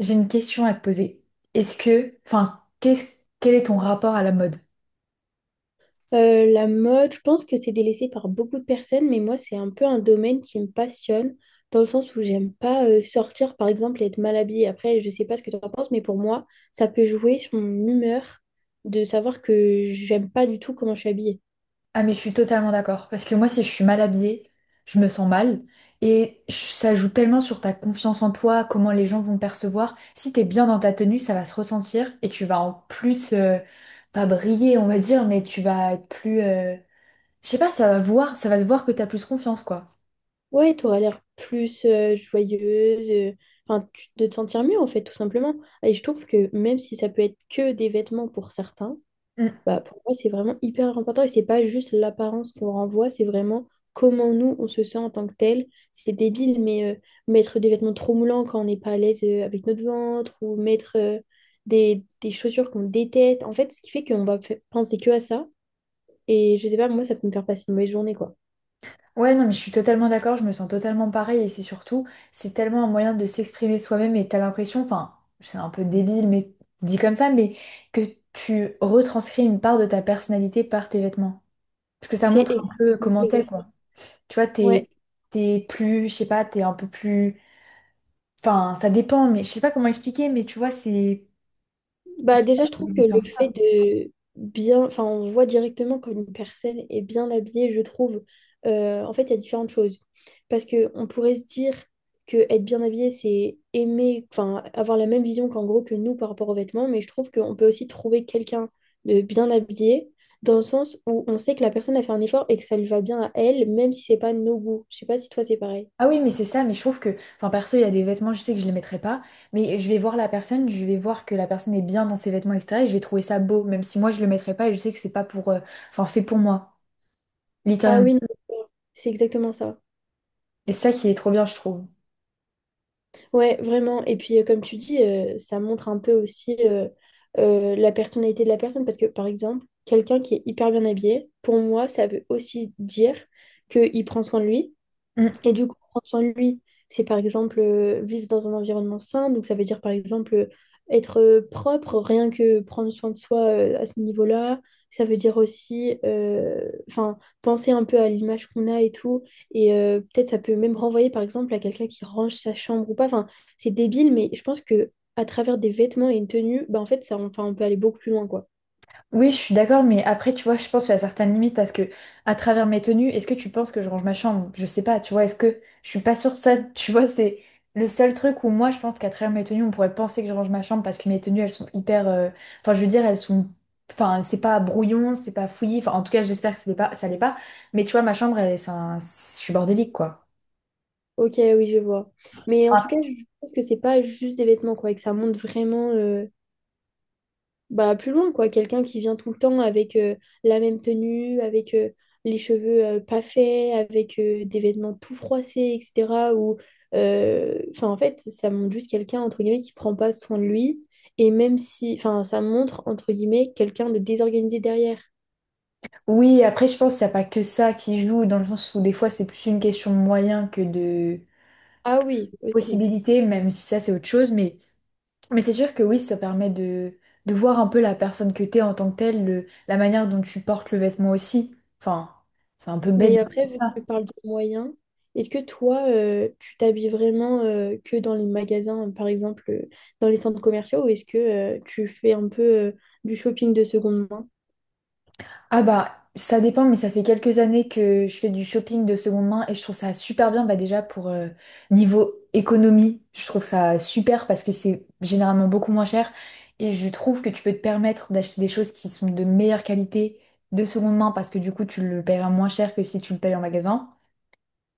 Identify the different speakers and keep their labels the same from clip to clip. Speaker 1: J'ai une question à te poser. Est-ce que, quel est ton rapport à la mode?
Speaker 2: La mode, je pense que c'est délaissé par beaucoup de personnes, mais moi, c'est un peu un domaine qui me passionne, dans le sens où j'aime pas sortir, par exemple, et être mal habillée. Après, je sais pas ce que tu en penses, mais pour moi, ça peut jouer sur mon humeur de savoir que j'aime pas du tout comment je suis habillée.
Speaker 1: Ah mais je suis totalement d'accord. Parce que moi, si je suis mal habillée, je me sens mal. Et ça joue tellement sur ta confiance en toi, comment les gens vont te percevoir. Si t'es bien dans ta tenue, ça va se ressentir et tu vas en plus, pas briller, on va dire, mais tu vas être plus. Je sais pas, ça va se voir que t'as plus confiance, quoi.
Speaker 2: Ouais, t'auras l'air plus joyeuse, enfin, de te sentir mieux en fait, tout simplement. Et je trouve que même si ça peut être que des vêtements pour certains, bah, pour moi, c'est vraiment hyper important et c'est pas juste l'apparence qu'on renvoie, c'est vraiment comment nous on se sent en tant que tel. C'est débile, mais mettre des vêtements trop moulants quand on n'est pas à l'aise avec notre ventre ou mettre des chaussures qu'on déteste, en fait, ce qui fait qu'on va penser que à ça. Et je sais pas, moi, ça peut me faire passer une mauvaise journée, quoi.
Speaker 1: Ouais, non, mais je suis totalement d'accord, je me sens totalement pareil et c'est surtout, c'est tellement un moyen de s'exprimer soi-même et t'as l'impression, enfin, c'est un peu débile, mais dit comme ça, mais que tu retranscris une part de ta personnalité par tes vêtements. Parce que ça
Speaker 2: C'est
Speaker 1: montre un peu
Speaker 2: exactement ce que
Speaker 1: comment
Speaker 2: j'ai.
Speaker 1: t'es, quoi. Tu vois,
Speaker 2: Ouais.
Speaker 1: t'es plus, je sais pas, t'es un peu plus, enfin, ça dépend, mais je sais pas comment expliquer, mais tu vois, c'est,
Speaker 2: Bah déjà,
Speaker 1: c'est
Speaker 2: je trouve que le fait de bien, enfin, on voit directement quand une personne est bien habillée, je trouve, en fait, il y a différentes choses. Parce que on pourrait se dire que être bien habillé, c'est aimer, enfin, avoir la même vision qu'en gros que nous par rapport aux vêtements, mais je trouve qu'on peut aussi trouver quelqu'un de bien habillé dans le sens où on sait que la personne a fait un effort et que ça lui va bien à elle, même si c'est pas nos goûts. Je sais pas si toi c'est pareil.
Speaker 1: Ah oui, mais c'est ça, mais je trouve que, enfin perso, il y a des vêtements, je sais que je les mettrai pas, mais je vais voir la personne, je vais voir que la personne est bien dans ses vêtements, etc. Et je vais trouver ça beau, même si moi je le mettrai pas et je sais que c'est pas pour, enfin fait pour moi,
Speaker 2: Ah
Speaker 1: littéralement.
Speaker 2: oui, non, c'est exactement ça.
Speaker 1: Et c'est ça qui est trop bien, je trouve.
Speaker 2: Ouais, vraiment. Et puis, comme tu dis, ça montre un peu aussi la personnalité de la personne. Parce que, par exemple, quelqu'un qui est hyper bien habillé, pour moi, ça veut aussi dire qu'il prend soin de lui.
Speaker 1: Mm, mm.
Speaker 2: Et du coup, prendre soin de lui, c'est par exemple vivre dans un environnement sain. Donc, ça veut dire par exemple être propre, rien que prendre soin de soi à ce niveau-là. Ça veut dire aussi enfin, penser un peu à l'image qu'on a et tout. Et peut-être ça peut même renvoyer par exemple à quelqu'un qui range sa chambre ou pas. Enfin, c'est débile, mais je pense que à travers des vêtements et une tenue, bah, en fait, ça, enfin, on peut aller beaucoup plus loin, quoi.
Speaker 1: Oui, je suis d'accord, mais après, tu vois, je pense qu'il y a certaines limites parce que, à travers mes tenues, est-ce que tu penses que je range ma chambre? Je sais pas, tu vois, est-ce que je suis pas sûre de ça, tu vois, c'est le seul truc où moi, je pense qu'à travers mes tenues, on pourrait penser que je range ma chambre parce que mes tenues, elles sont hyper, enfin, je veux dire, elles sont, enfin, c'est pas brouillon, c'est pas fouillis, enfin, en tout cas, j'espère que ça l'est pas, mais tu vois, ma chambre, elle, je suis bordélique, quoi.
Speaker 2: Ok, oui, je vois. Mais en tout
Speaker 1: Enfin,
Speaker 2: cas, je trouve que c'est pas juste des vêtements, quoi, et que ça montre vraiment. Bah, plus loin, quoi. Quelqu'un qui vient tout le temps avec la même tenue, avec les cheveux pas faits, avec des vêtements tout froissés, etc. Ou, enfin, en fait, ça montre juste quelqu'un, entre guillemets, qui prend pas soin de lui. Et même si, enfin, ça montre, entre guillemets, quelqu'un de désorganisé derrière.
Speaker 1: oui, après, je pense qu'il n'y a pas que ça qui joue, dans le sens où des fois, c'est plus une question de moyens que de
Speaker 2: Ah oui, aussi.
Speaker 1: possibilités, même si ça, c'est autre chose, mais. Mais c'est sûr que oui, ça permet de voir un peu la personne que t'es en tant que telle, la manière dont tu portes le vêtement aussi. Enfin, c'est un peu bête de
Speaker 2: Mais
Speaker 1: dire
Speaker 2: après, vu que tu
Speaker 1: ça.
Speaker 2: parles de moyens, est-ce que toi, tu t'habilles vraiment que dans les magasins, par exemple, dans les centres commerciaux, ou est-ce que tu fais un peu du shopping de seconde main?
Speaker 1: Ah bah, ça dépend, mais ça fait quelques années que je fais du shopping de seconde main et je trouve ça super bien. Bah déjà, pour niveau économie, je trouve ça super parce que c'est généralement beaucoup moins cher et je trouve que tu peux te permettre d'acheter des choses qui sont de meilleure qualité de seconde main parce que du coup, tu le paieras moins cher que si tu le payes en magasin.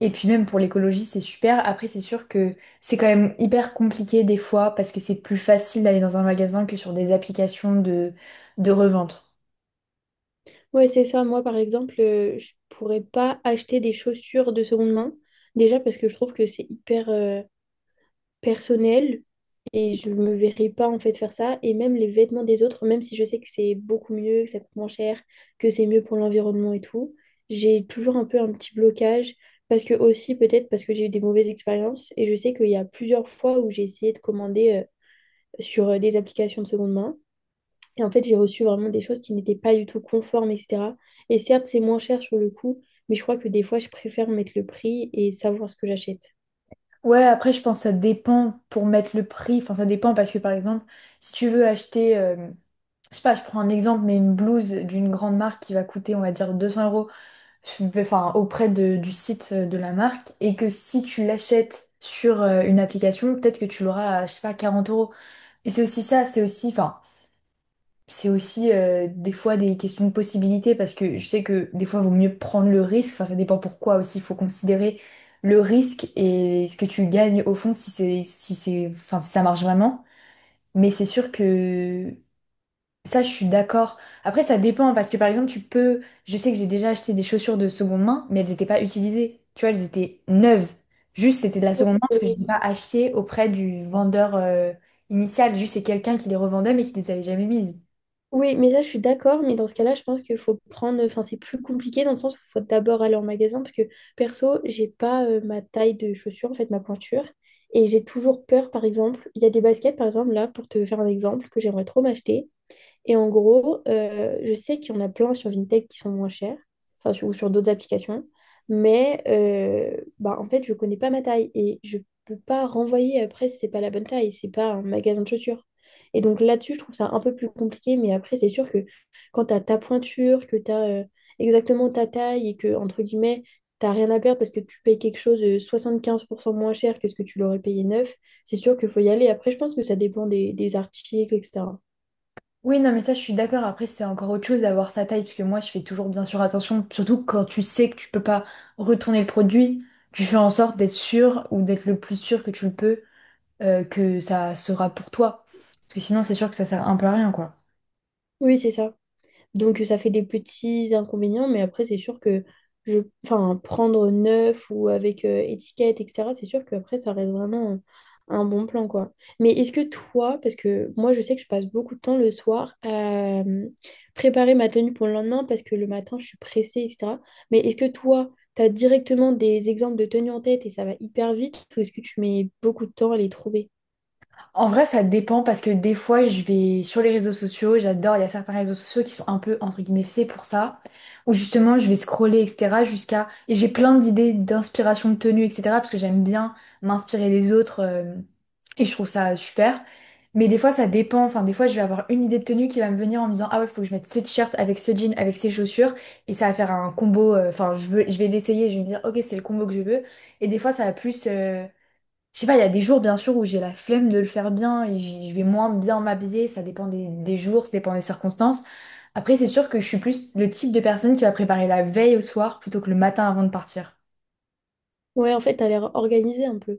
Speaker 1: Et puis même pour l'écologie, c'est super. Après, c'est sûr que c'est quand même hyper compliqué des fois parce que c'est plus facile d'aller dans un magasin que sur des applications de revente.
Speaker 2: Ouais, c'est ça. Moi, par exemple, je pourrais pas acheter des chaussures de seconde main. Déjà parce que je trouve que c'est hyper, personnel et je me verrais pas en fait faire ça. Et même les vêtements des autres, même si je sais que c'est beaucoup mieux, que ça coûte moins cher, que c'est mieux pour l'environnement et tout, j'ai toujours un peu un petit blocage parce que aussi peut-être parce que j'ai eu des mauvaises expériences et je sais qu'il y a plusieurs fois où j'ai essayé de commander sur des applications de seconde main. Et en fait, j'ai reçu vraiment des choses qui n'étaient pas du tout conformes, etc. Et certes, c'est moins cher sur le coup, mais je crois que des fois, je préfère mettre le prix et savoir ce que j'achète.
Speaker 1: Ouais, après, je pense que ça dépend pour mettre le prix. Enfin, ça dépend parce que par exemple, si tu veux acheter, je sais pas, je prends un exemple, mais une blouse d'une grande marque qui va coûter, on va dire, 200 euros, enfin, du site de la marque, et que si tu l'achètes sur une application, peut-être que tu l'auras à, je sais pas, 40 euros. Et c'est aussi ça, c'est aussi, enfin, c'est aussi des fois des questions de possibilité parce que je sais que des fois il vaut mieux prendre le risque, enfin ça dépend pourquoi aussi, il faut considérer le risque et ce que tu gagnes au fond si c'est enfin si ça marche vraiment. Mais c'est sûr que ça je suis d'accord. Après ça dépend parce que par exemple tu peux, je sais que j'ai déjà acheté des chaussures de seconde main mais elles n'étaient pas utilisées, tu vois elles étaient neuves. Juste c'était de la seconde main parce que je
Speaker 2: Ouais,
Speaker 1: n'ai pas acheté auprès du vendeur initial, juste c'est quelqu'un qui les revendait mais qui les avait jamais mises.
Speaker 2: oui, mais ça, je suis d'accord. Mais dans ce cas-là, je pense qu'il faut prendre. Enfin, c'est plus compliqué dans le sens où il faut d'abord aller en magasin. Parce que perso, j'ai pas ma taille de chaussure, en fait, ma pointure. Et j'ai toujours peur, par exemple. Il y a des baskets, par exemple, là, pour te faire un exemple, que j'aimerais trop m'acheter. Et en gros, je sais qu'il y en a plein sur Vinted qui sont moins chers, enfin, ou sur d'autres applications, mais bah, en fait, je connais pas ma taille et je peux pas renvoyer après si c'est pas la bonne taille, c'est pas un magasin de chaussures. Et donc là-dessus, je trouve ça un peu plus compliqué, mais après, c'est sûr que quand tu as ta pointure, que tu as exactement ta taille et que, entre guillemets, t'as rien à perdre parce que tu payes quelque chose 75% moins cher que ce que tu l'aurais payé neuf, c'est sûr qu'il faut y aller. Après, je pense que ça dépend des articles, etc.
Speaker 1: Oui, non, mais ça, je suis d'accord. Après, c'est encore autre chose d'avoir sa taille, parce que moi, je fais toujours bien sûr attention, surtout quand tu sais que tu peux pas retourner le produit, tu fais en sorte d'être sûr ou d'être le plus sûr que tu le peux, que ça sera pour toi. Parce que sinon, c'est sûr que ça sert un peu à rien, quoi.
Speaker 2: Oui, c'est ça. Donc ça fait des petits inconvénients, mais après c'est sûr que enfin, prendre neuf ou avec étiquette, etc., c'est sûr qu'après ça reste vraiment un bon plan, quoi. Mais est-ce que toi, parce que moi je sais que je passe beaucoup de temps le soir à préparer ma tenue pour le lendemain parce que le matin je suis pressée, etc. Mais est-ce que toi, tu as directement des exemples de tenues en tête et ça va hyper vite ou est-ce que tu mets beaucoup de temps à les trouver?
Speaker 1: En vrai, ça dépend parce que des fois, je vais sur les réseaux sociaux, j'adore, il y a certains réseaux sociaux qui sont un peu, entre guillemets, faits pour ça, où justement, je vais scroller, etc., jusqu'à... Et j'ai plein d'idées d'inspiration de tenue, etc., parce que j'aime bien m'inspirer des autres, et je trouve ça super. Mais des fois, ça dépend, enfin, des fois, je vais avoir une idée de tenue qui va me venir en me disant, ah ouais, faut que je mette ce t-shirt avec ce jean, avec ces chaussures, et ça va faire un combo, enfin, je vais l'essayer, je vais me dire, ok, c'est le combo que je veux. Et des fois, ça va plus. Je sais pas, il y a des jours bien sûr où j'ai la flemme de le faire bien et je vais moins bien m'habiller, ça dépend des jours, ça dépend des circonstances. Après, c'est sûr que je suis plus le type de personne qui va préparer la veille au soir plutôt que le matin avant de partir.
Speaker 2: Ouais, en fait, t'as l'air organisée un peu.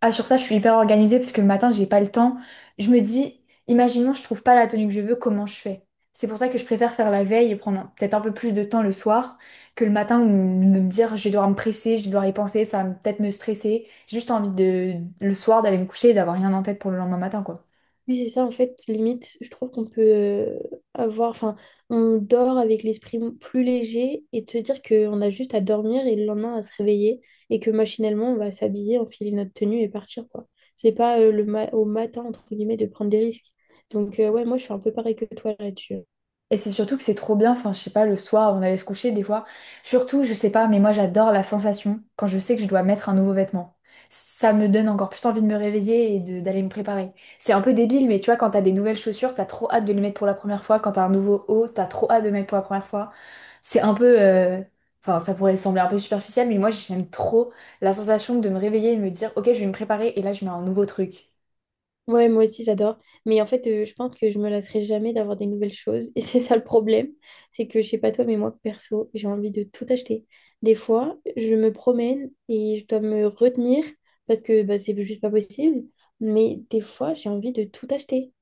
Speaker 1: Ah, sur ça, je suis hyper organisée parce que le matin, j'ai pas le temps. Je me dis, imaginons, je trouve pas la tenue que je veux, comment je fais? C'est pour ça que je préfère faire la veille et prendre peut-être un peu plus de temps le soir que le matin où me dire je vais devoir me presser, je vais devoir y penser, ça va peut-être me stresser. J'ai juste envie de le soir d'aller me coucher et d'avoir rien en tête pour le lendemain matin, quoi.
Speaker 2: Oui, c'est ça, en fait, limite, je trouve qu'on peut avoir, enfin, on dort avec l'esprit plus léger et te dire qu'on a juste à dormir et le lendemain à se réveiller et que machinalement, on va s'habiller, enfiler notre tenue et partir, quoi. C'est pas le au matin, entre guillemets, de prendre des risques. Donc, ouais, moi, je suis un peu pareil que toi là-dessus.
Speaker 1: Et c'est surtout que c'est trop bien, enfin je sais pas, le soir avant d'aller se coucher des fois. Surtout, je sais pas, mais moi j'adore la sensation quand je sais que je dois mettre un nouveau vêtement. Ça me donne encore plus envie de me réveiller et d'aller me préparer. C'est un peu débile, mais tu vois, quand t'as des nouvelles chaussures, t'as trop hâte de les mettre pour la première fois. Quand t'as un nouveau haut, t'as trop hâte de le mettre pour la première fois. C'est un peu... euh, Enfin, ça pourrait sembler un peu superficiel, mais moi j'aime trop la sensation de me réveiller et de me dire, ok, je vais me préparer et là je mets un nouveau truc.
Speaker 2: Ouais, moi aussi j'adore. Mais en fait, je pense que je me lasserai jamais d'avoir des nouvelles choses. Et c'est ça le problème. C'est que je sais pas toi, mais moi perso, j'ai envie de tout acheter. Des fois, je me promène et je dois me retenir parce que bah, c'est juste pas possible. Mais des fois, j'ai envie de tout acheter.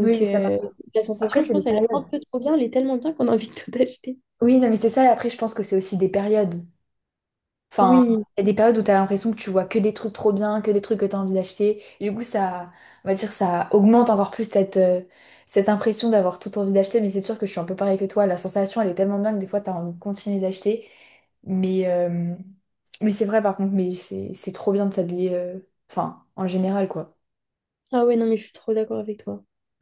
Speaker 1: Oui, mais ça m'arrive.
Speaker 2: la
Speaker 1: Après,
Speaker 2: sensation, je
Speaker 1: c'est des
Speaker 2: pense, elle est un
Speaker 1: périodes.
Speaker 2: peu trop bien. Elle est tellement bien qu'on a envie de tout acheter.
Speaker 1: Oui, non, mais c'est ça. Et après, je pense que c'est aussi des périodes. Enfin,
Speaker 2: Oui.
Speaker 1: il y a des périodes où tu as l'impression que tu vois que des trucs trop bien, que des trucs que tu as envie d'acheter. Et du coup, ça, on va dire, ça augmente encore plus cette, cette impression d'avoir tout envie d'acheter. Mais c'est sûr que je suis un peu pareil que toi. La sensation, elle est tellement bien que des fois, tu as envie de continuer d'acheter. Mais, mais c'est vrai, par contre, mais c'est trop bien de s'habiller, enfin, en général, quoi.
Speaker 2: Ah ouais, non, mais je suis trop d'accord avec toi.